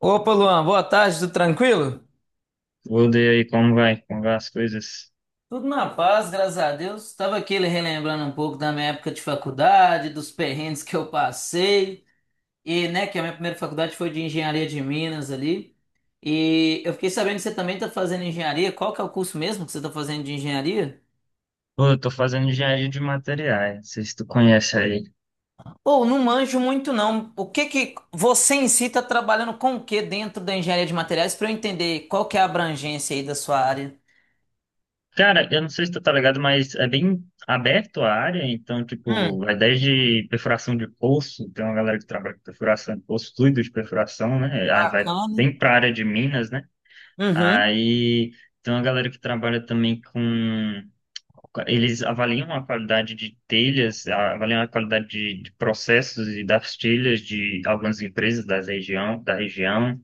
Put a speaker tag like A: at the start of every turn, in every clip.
A: Opa, Luan, boa tarde, tudo tranquilo?
B: Tudo e aí, como vai? Como vai as coisas?
A: Tudo na paz, graças a Deus. Estava aqui relembrando um pouco da minha época de faculdade, dos perrengues que eu passei, e né, que a minha primeira faculdade foi de engenharia de Minas ali. E eu fiquei sabendo que você também está fazendo engenharia. Qual que é o curso mesmo que você está fazendo de engenharia?
B: Pô, eu tô fazendo engenharia de materiais, não sei se tu conhece aí.
A: Ou não manjo muito não. O que que você em si está trabalhando com o que dentro da engenharia de materiais para eu entender qual que é a abrangência aí da sua área?
B: Cara, eu não sei se tu tá ligado, mas é bem aberto a área, então, tipo,
A: Hum,
B: vai desde perfuração de poço, tem uma galera que trabalha com perfuração de poço, fluido de perfuração, né? Aí vai
A: bacana.
B: bem pra área de minas, né?
A: Uhum,
B: Aí tem uma galera que trabalha também com. Eles avaliam a qualidade de telhas, avaliam a qualidade de processos e das telhas de algumas empresas da região, da região.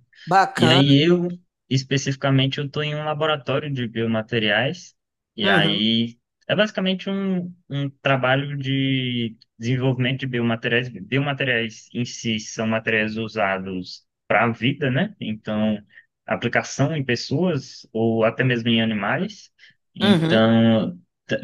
B: E
A: bacana.
B: aí eu, especificamente, eu estou em um laboratório de biomateriais, e
A: Uhum.
B: aí é basicamente um trabalho de desenvolvimento de biomateriais. Biomateriais em si são materiais usados para a vida, né? Então, aplicação em pessoas ou até mesmo em animais.
A: Uhum.
B: Então,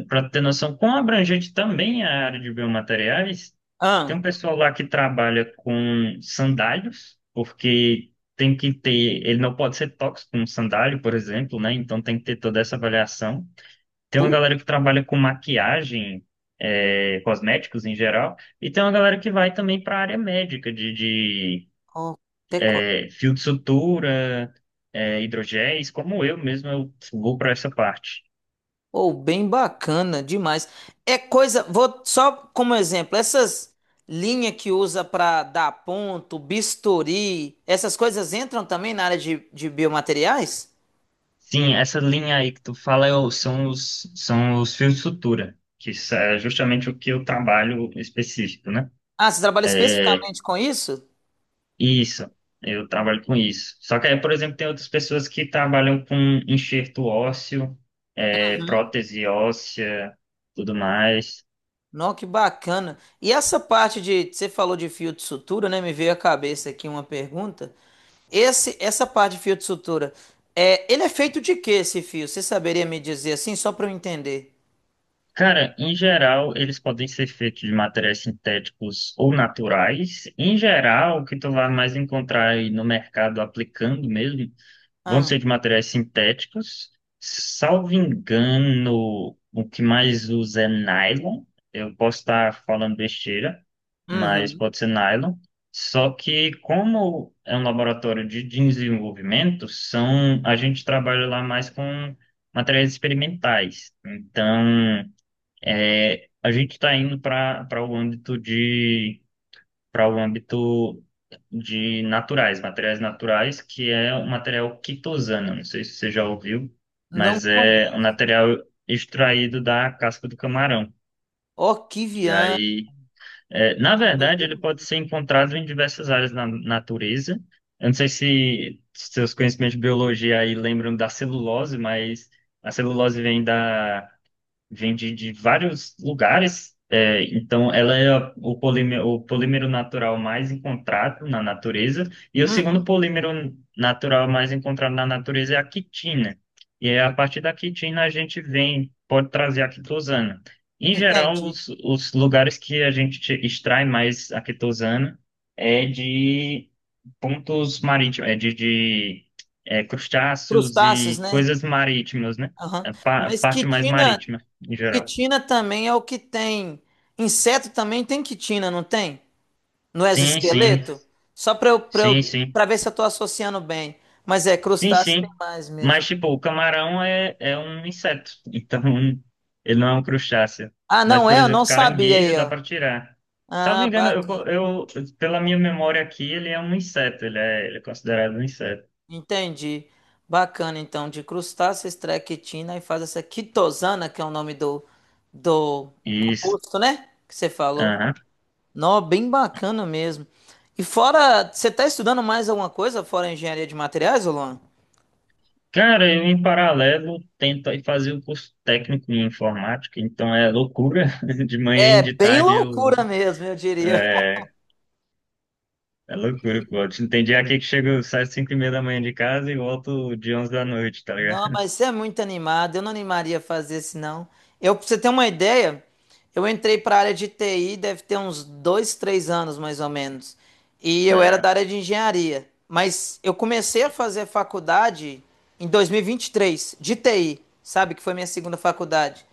B: para ter noção quão abrangente também é a área de biomateriais,
A: Ah,
B: tem um pessoal lá que trabalha com sandálios, porque tem que ter, ele não pode ser tóxico como sandália, por exemplo, né? Então tem que ter toda essa avaliação. Tem uma
A: puta,
B: galera que trabalha com maquiagem, é, cosméticos em geral, e tem uma galera que vai também para a área médica, de
A: ó, pecó.
B: é, fio de sutura, é, hidrogéis, como eu mesmo, eu vou para essa parte.
A: Ou bem bacana demais. É coisa, vou só como exemplo, essas linhas que usa para dar ponto, bisturi, essas coisas entram também na área de biomateriais?
B: Sim, essa linha aí que tu fala são os fios de sutura, que isso é justamente o que eu trabalho específico, né?
A: Ah, você trabalha
B: É,
A: especificamente com isso?
B: isso, eu trabalho com isso. Só que aí, por exemplo, tem outras pessoas que trabalham com enxerto ósseo, é, prótese óssea, tudo mais.
A: Não, que bacana. E essa parte de, você falou de fio de sutura, né? Me veio à cabeça aqui uma pergunta. Esse, essa parte de fio de sutura, ele é feito de que esse fio? Você saberia me dizer assim, só para eu entender?
B: Cara, em geral, eles podem ser feitos de materiais sintéticos ou naturais. Em geral, o que tu vai mais encontrar aí no mercado aplicando mesmo vão
A: Ah,
B: ser de materiais sintéticos. Salvo engano, o que mais usa é nylon. Eu posso estar falando besteira, mas
A: uhum.
B: pode ser nylon. Só que como é um laboratório de desenvolvimento, são a gente trabalha lá mais com materiais experimentais. Então, é, a gente está indo para o âmbito para o âmbito de naturais, materiais naturais, que é o material quitosana. Não sei se você já ouviu,
A: Não
B: mas é um
A: conheço.
B: material extraído da casca do camarão. E
A: Orquiviã.
B: aí, é, na
A: Ah,
B: verdade, ele
A: doideira
B: pode
A: mesmo.
B: ser encontrado em diversas áreas na natureza. Eu não sei se seus conhecimentos de biologia aí lembram da celulose, mas a celulose vem da vem de vários lugares. É, então, ela é o polímero natural mais encontrado na natureza. E o segundo
A: Uhum.
B: polímero natural mais encontrado na natureza é a quitina. E é a partir da quitina a gente vem, pode trazer a quitosana. Em geral,
A: Entendi.
B: os lugares que a gente extrai mais a quitosana é de pontos marítimos, é de é, crustáceos
A: Crustáceos,
B: e
A: né?
B: coisas marítimas, né?
A: Aham.
B: A
A: Mas
B: parte mais
A: quitina,
B: marítima em geral.
A: quitina também é o que tem. Inseto também tem quitina, não tem? No
B: Sim, sim,
A: exoesqueleto? Só
B: sim, sim,
A: para ver se eu tô associando bem. Mas
B: sim,
A: crustáceo tem
B: sim.
A: mais mesmo.
B: Mas, tipo, o camarão é um inseto, então ele não é um crustáceo.
A: Ah,
B: Mas,
A: não
B: por
A: é? Eu não
B: exemplo,
A: sabia
B: caranguejo
A: aí,
B: dá
A: ó.
B: para tirar. Salvo
A: Ah,
B: engano, pela minha memória aqui, ele é um inseto, ele é considerado um inseto.
A: entendi. Bacana, então, de crustáceos, extrai quitina e faz essa quitosana, que é o nome do
B: Isso.
A: composto, né? Que você falou.
B: Aham.
A: Nó, bem bacana mesmo. E fora, você tá estudando mais alguma coisa fora engenharia de materiais, ô Luan?
B: Cara, eu em paralelo tento aí fazer um curso técnico em informática, então é loucura. De manhã e
A: É
B: de
A: bem
B: tarde eu.
A: loucura mesmo, eu diria.
B: É loucura, pô. Tem dia aqui que chego, saio às 5 e meia da manhã de casa e volto de 11 da noite, tá
A: Não,
B: ligado?
A: mas você é muito animado. Eu não animaria a fazer isso, não. Eu, pra você ter uma ideia, eu entrei para a área de TI, deve ter uns 2, 3 anos, mais ou menos. E eu era da
B: Ah,
A: área de engenharia. Mas eu comecei a fazer faculdade em 2023, de TI, sabe? Que foi minha segunda faculdade.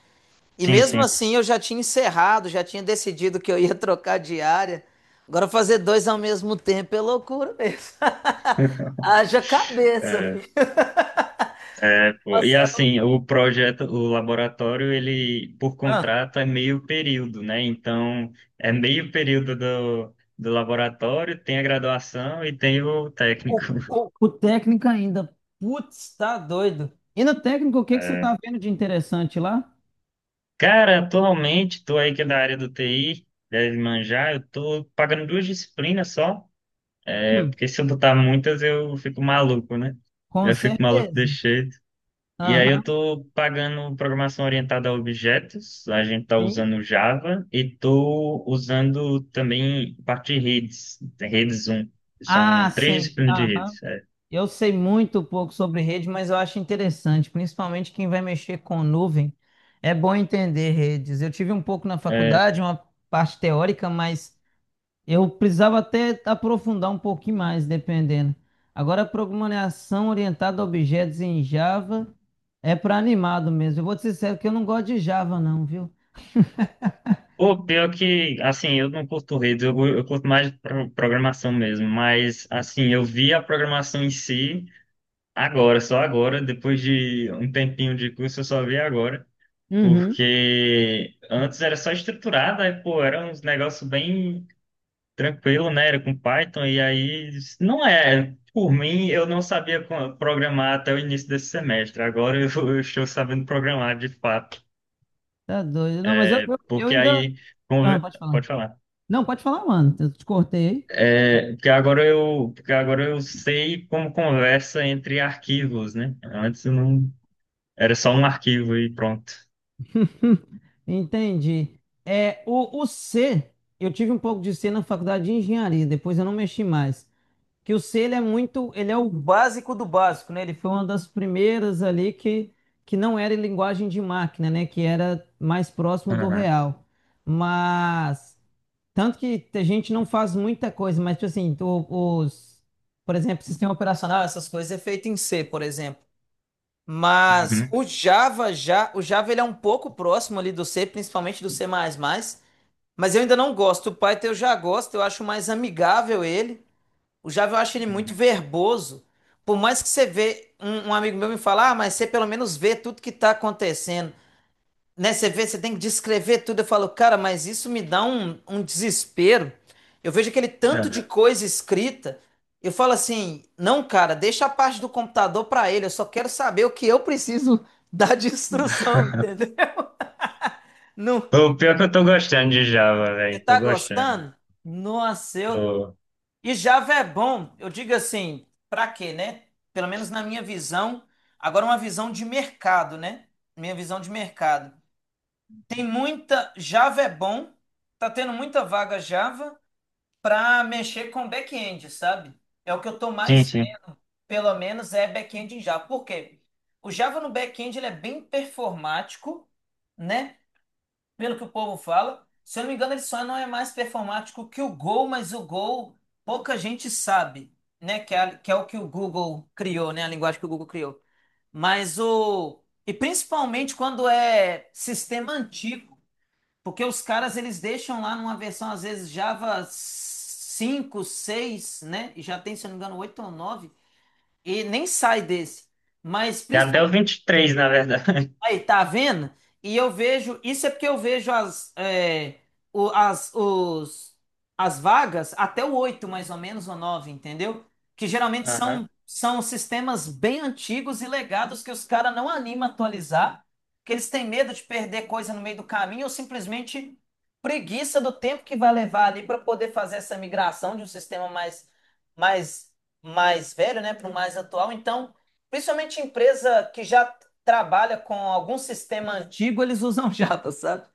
A: E
B: sim,
A: mesmo
B: sim.
A: assim, eu já tinha encerrado, já tinha decidido que eu ia trocar de área. Agora, fazer dois ao mesmo tempo é loucura mesmo. Haja cabeça, filho.
B: É, pô, e
A: Nossa,
B: assim, o projeto, o laboratório, ele, por
A: eu-
B: contrato, é meio período, né? Então, é meio período do laboratório, tem a graduação e tem o técnico.
A: O, o, o técnico ainda. Putz, tá doido. E no técnico, o que que você
B: É.
A: tá vendo de interessante lá?
B: Cara, atualmente, tô aí que é da área do TI, deve manjar, eu tô pagando duas disciplinas só,
A: Hum,
B: porque se eu botar muitas, eu fico maluco, né?
A: com
B: Eu fico maluco,
A: certeza.
B: deixei. E aí eu
A: Aham,
B: tô pagando programação orientada a objetos, a gente tá
A: sim.
B: usando Java e tô usando também parte de redes, redes um.
A: Ah,
B: São três
A: sim.
B: disciplinas de
A: Aham.
B: redes. É.
A: Eu sei muito pouco sobre rede, mas eu acho interessante, principalmente quem vai mexer com nuvem. É bom entender redes. Eu tive um pouco na
B: É,
A: faculdade, uma parte teórica, mas eu precisava até aprofundar um pouquinho mais, dependendo. Agora, programação orientada a objetos em Java é para animado mesmo. Eu vou te ser sincero que eu não gosto de Java, não, viu?
B: pior que, assim, eu não curto redes, eu curto mais programação mesmo, mas, assim, eu vi a programação em si agora, só agora, depois de um tempinho de curso, eu só vi agora,
A: Uhum.
B: porque antes era só estruturada, aí, pô, era uns negócios bem tranquilo, né? Era com Python, e aí não é. Por mim, eu não sabia programar até o início desse semestre. Agora eu, eu estou sabendo programar de fato.
A: Tá doido. Não, mas eu, eu
B: Porque
A: ainda.
B: aí.
A: Ah,
B: Conver-.
A: pode falar.
B: Pode falar.
A: Não, pode falar, mano. Eu te cortei aí.
B: É, porque agora eu sei como conversa entre arquivos, né? Antes eu não. Era só um arquivo e pronto.
A: Entendi. O C, eu tive um pouco de C na faculdade de engenharia, depois eu não mexi mais. Que o C ele é muito, ele é o básico do básico, né? Ele foi uma das primeiras ali que não era em linguagem de máquina, né? Que era mais próximo do
B: Aham.
A: real. Mas tanto que a gente não faz muita coisa, mas tipo assim, os, por exemplo, sistema operacional, essas coisas é feito em C, por exemplo. Mas
B: Uhum.
A: o Java já, o Java ele é um pouco próximo ali do C, principalmente do C++, mas eu ainda não gosto. O Python eu já gosto, eu acho mais amigável ele. O Java eu acho ele muito
B: Uhum.
A: verboso. Por mais que você vê, um amigo meu me fala, ah, mas você pelo menos vê tudo que está acontecendo. Né? Você vê, você tem que descrever tudo. Eu falo, cara, mas isso me dá um desespero. Eu vejo aquele
B: É.
A: tanto de coisa escrita. Eu falo assim, não, cara, deixa a parte do computador para ele. Eu só quero saber o que eu preciso dar de instrução, entendeu? Não,
B: O pior é que eu tô gostando de Java,
A: você
B: velho. Tô
A: tá
B: gostando.
A: gostando? Nossa, eu
B: Tô...
A: E Java é bom, eu digo assim, pra quê, né? Pelo menos na minha visão, agora uma visão de mercado, né? Minha visão de mercado. Java é bom, tá tendo muita vaga Java pra mexer com back-end, sabe? É o que eu tô
B: Sim,
A: mais
B: sim.
A: vendo, pelo menos é back-end em Java. Por quê? O Java no back-end ele é bem performático, né? Pelo que o povo fala. Se eu não me engano, ele só não é mais performático que o Gol, mas o Gol pouca gente sabe, né? Que é o que o Google criou, né? A linguagem que o Google criou. Mas o. E principalmente quando é sistema antigo, porque os caras eles deixam lá numa versão, às vezes, Java 5, 6, né? E já tem, se eu não me engano, 8 ou 9 e nem sai desse. Mas
B: Tem até o 23 na verdade.
A: aí, tá vendo? E eu vejo, isso é porque eu vejo as, é, o- as, os, as vagas até o 8 mais ou menos, ou 9, entendeu? Que geralmente
B: Aham.
A: são sistemas bem antigos e legados que os caras não animam a atualizar, que eles têm medo de perder coisa no meio do caminho ou simplesmente preguiça do tempo que vai levar ali para poder fazer essa migração de um sistema mais, mais, velho, né, para o mais atual. Então, principalmente empresa que já trabalha com algum sistema antigo, eles usam Java, sabe?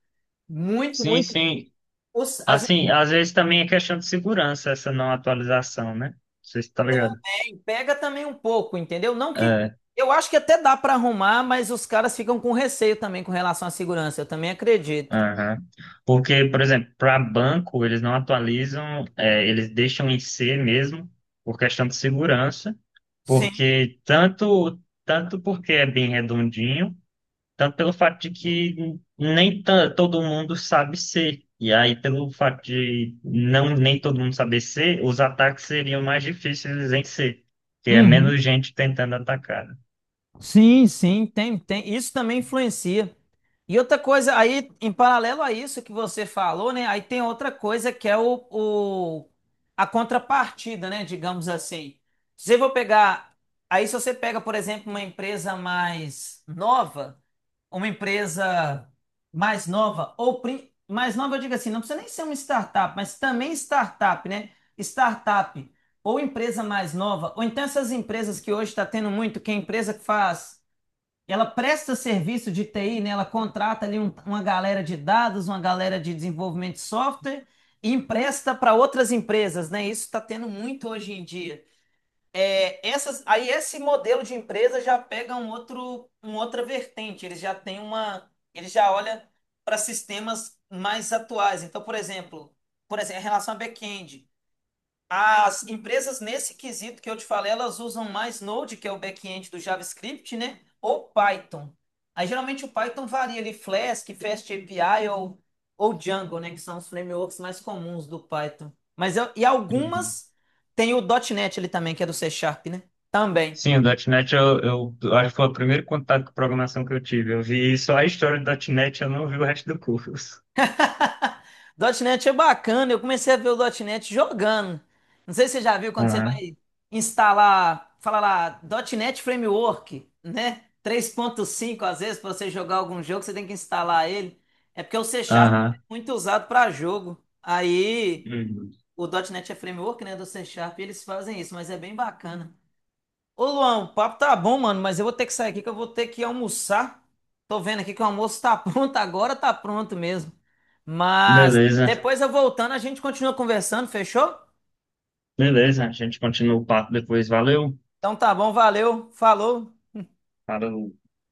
A: Muito,
B: Sim,
A: muito.
B: sim.
A: Os, as assim,
B: Assim, às vezes também é questão de segurança essa não atualização, né? Não sei se tá ligado.
A: pega também um pouco, entendeu? Não que
B: É,
A: eu acho que até dá para arrumar, mas os caras ficam com receio também com relação à segurança. Eu também acredito.
B: aham. Porque, por exemplo, para banco, eles não atualizam, é, eles deixam em C mesmo, por questão de segurança,
A: Sim.
B: porque tanto, tanto porque é bem redondinho, tanto pelo fato de que nem ta- todo mundo sabe ser. E aí, pelo fato de não nem todo mundo saber ser, os ataques seriam mais difíceis em ser, porque é
A: Uhum.
B: menos gente tentando atacar, né?
A: Sim, sim, tem, tem. Isso também influencia. E outra coisa, aí, em paralelo a isso que você falou, né? Aí tem outra coisa que é a contrapartida, né? Digamos assim. Se eu vou pegar. Aí, se você pega, por exemplo, uma empresa mais nova, ou mais nova, eu digo assim, não precisa nem ser uma startup, mas também startup, né? Startup ou empresa mais nova, ou então essas empresas que hoje está tendo muito, que é a empresa que faz, ela presta serviço de TI, né? Ela contrata ali uma galera de dados, uma galera de desenvolvimento de software e empresta para outras empresas, né? Isso está tendo muito hoje em dia. Aí esse modelo de empresa já pega um outro, uma outra vertente. Ele já olha para sistemas mais atuais. Então, por exemplo, em relação a back-end, as empresas nesse quesito que eu te falei, elas usam mais Node, que é o back-end do JavaScript, né? Ou Python. Aí geralmente o Python varia ali, Flask, FastAPI ou Django, né? Que são os frameworks mais comuns do Python. E
B: Uhum.
A: algumas tem o .NET ali também, que é do C Sharp, né? Também.
B: Sim, o .ponto .NET eu acho que foi o primeiro contato com programação que eu tive. Eu vi só a história do .ponto .NET, eu não vi o resto do curso.
A: .ponto .NET é bacana, eu comecei a ver o .ponto .NET jogando. Não sei se você já viu quando você
B: Aham.
A: vai instalar, fala lá, .ponto .NET Framework, né? 3.5, às vezes, para você jogar algum jogo, você tem que instalar ele. É porque o C Sharp é
B: Aham.
A: muito usado para jogo. Aí,
B: Uhum.
A: o .ponto .NET é framework, né, do C Sharp, e eles fazem isso, mas é bem bacana. Ô Luan, o papo tá bom, mano, mas eu vou ter que sair aqui que eu vou ter que almoçar. Tô vendo aqui que o almoço tá pronto, agora tá pronto mesmo. Mas
B: Beleza.
A: depois eu voltando, a gente continua conversando, fechou?
B: Beleza, a gente continua o papo depois. Valeu.
A: Então tá bom, valeu, falou.
B: Falou.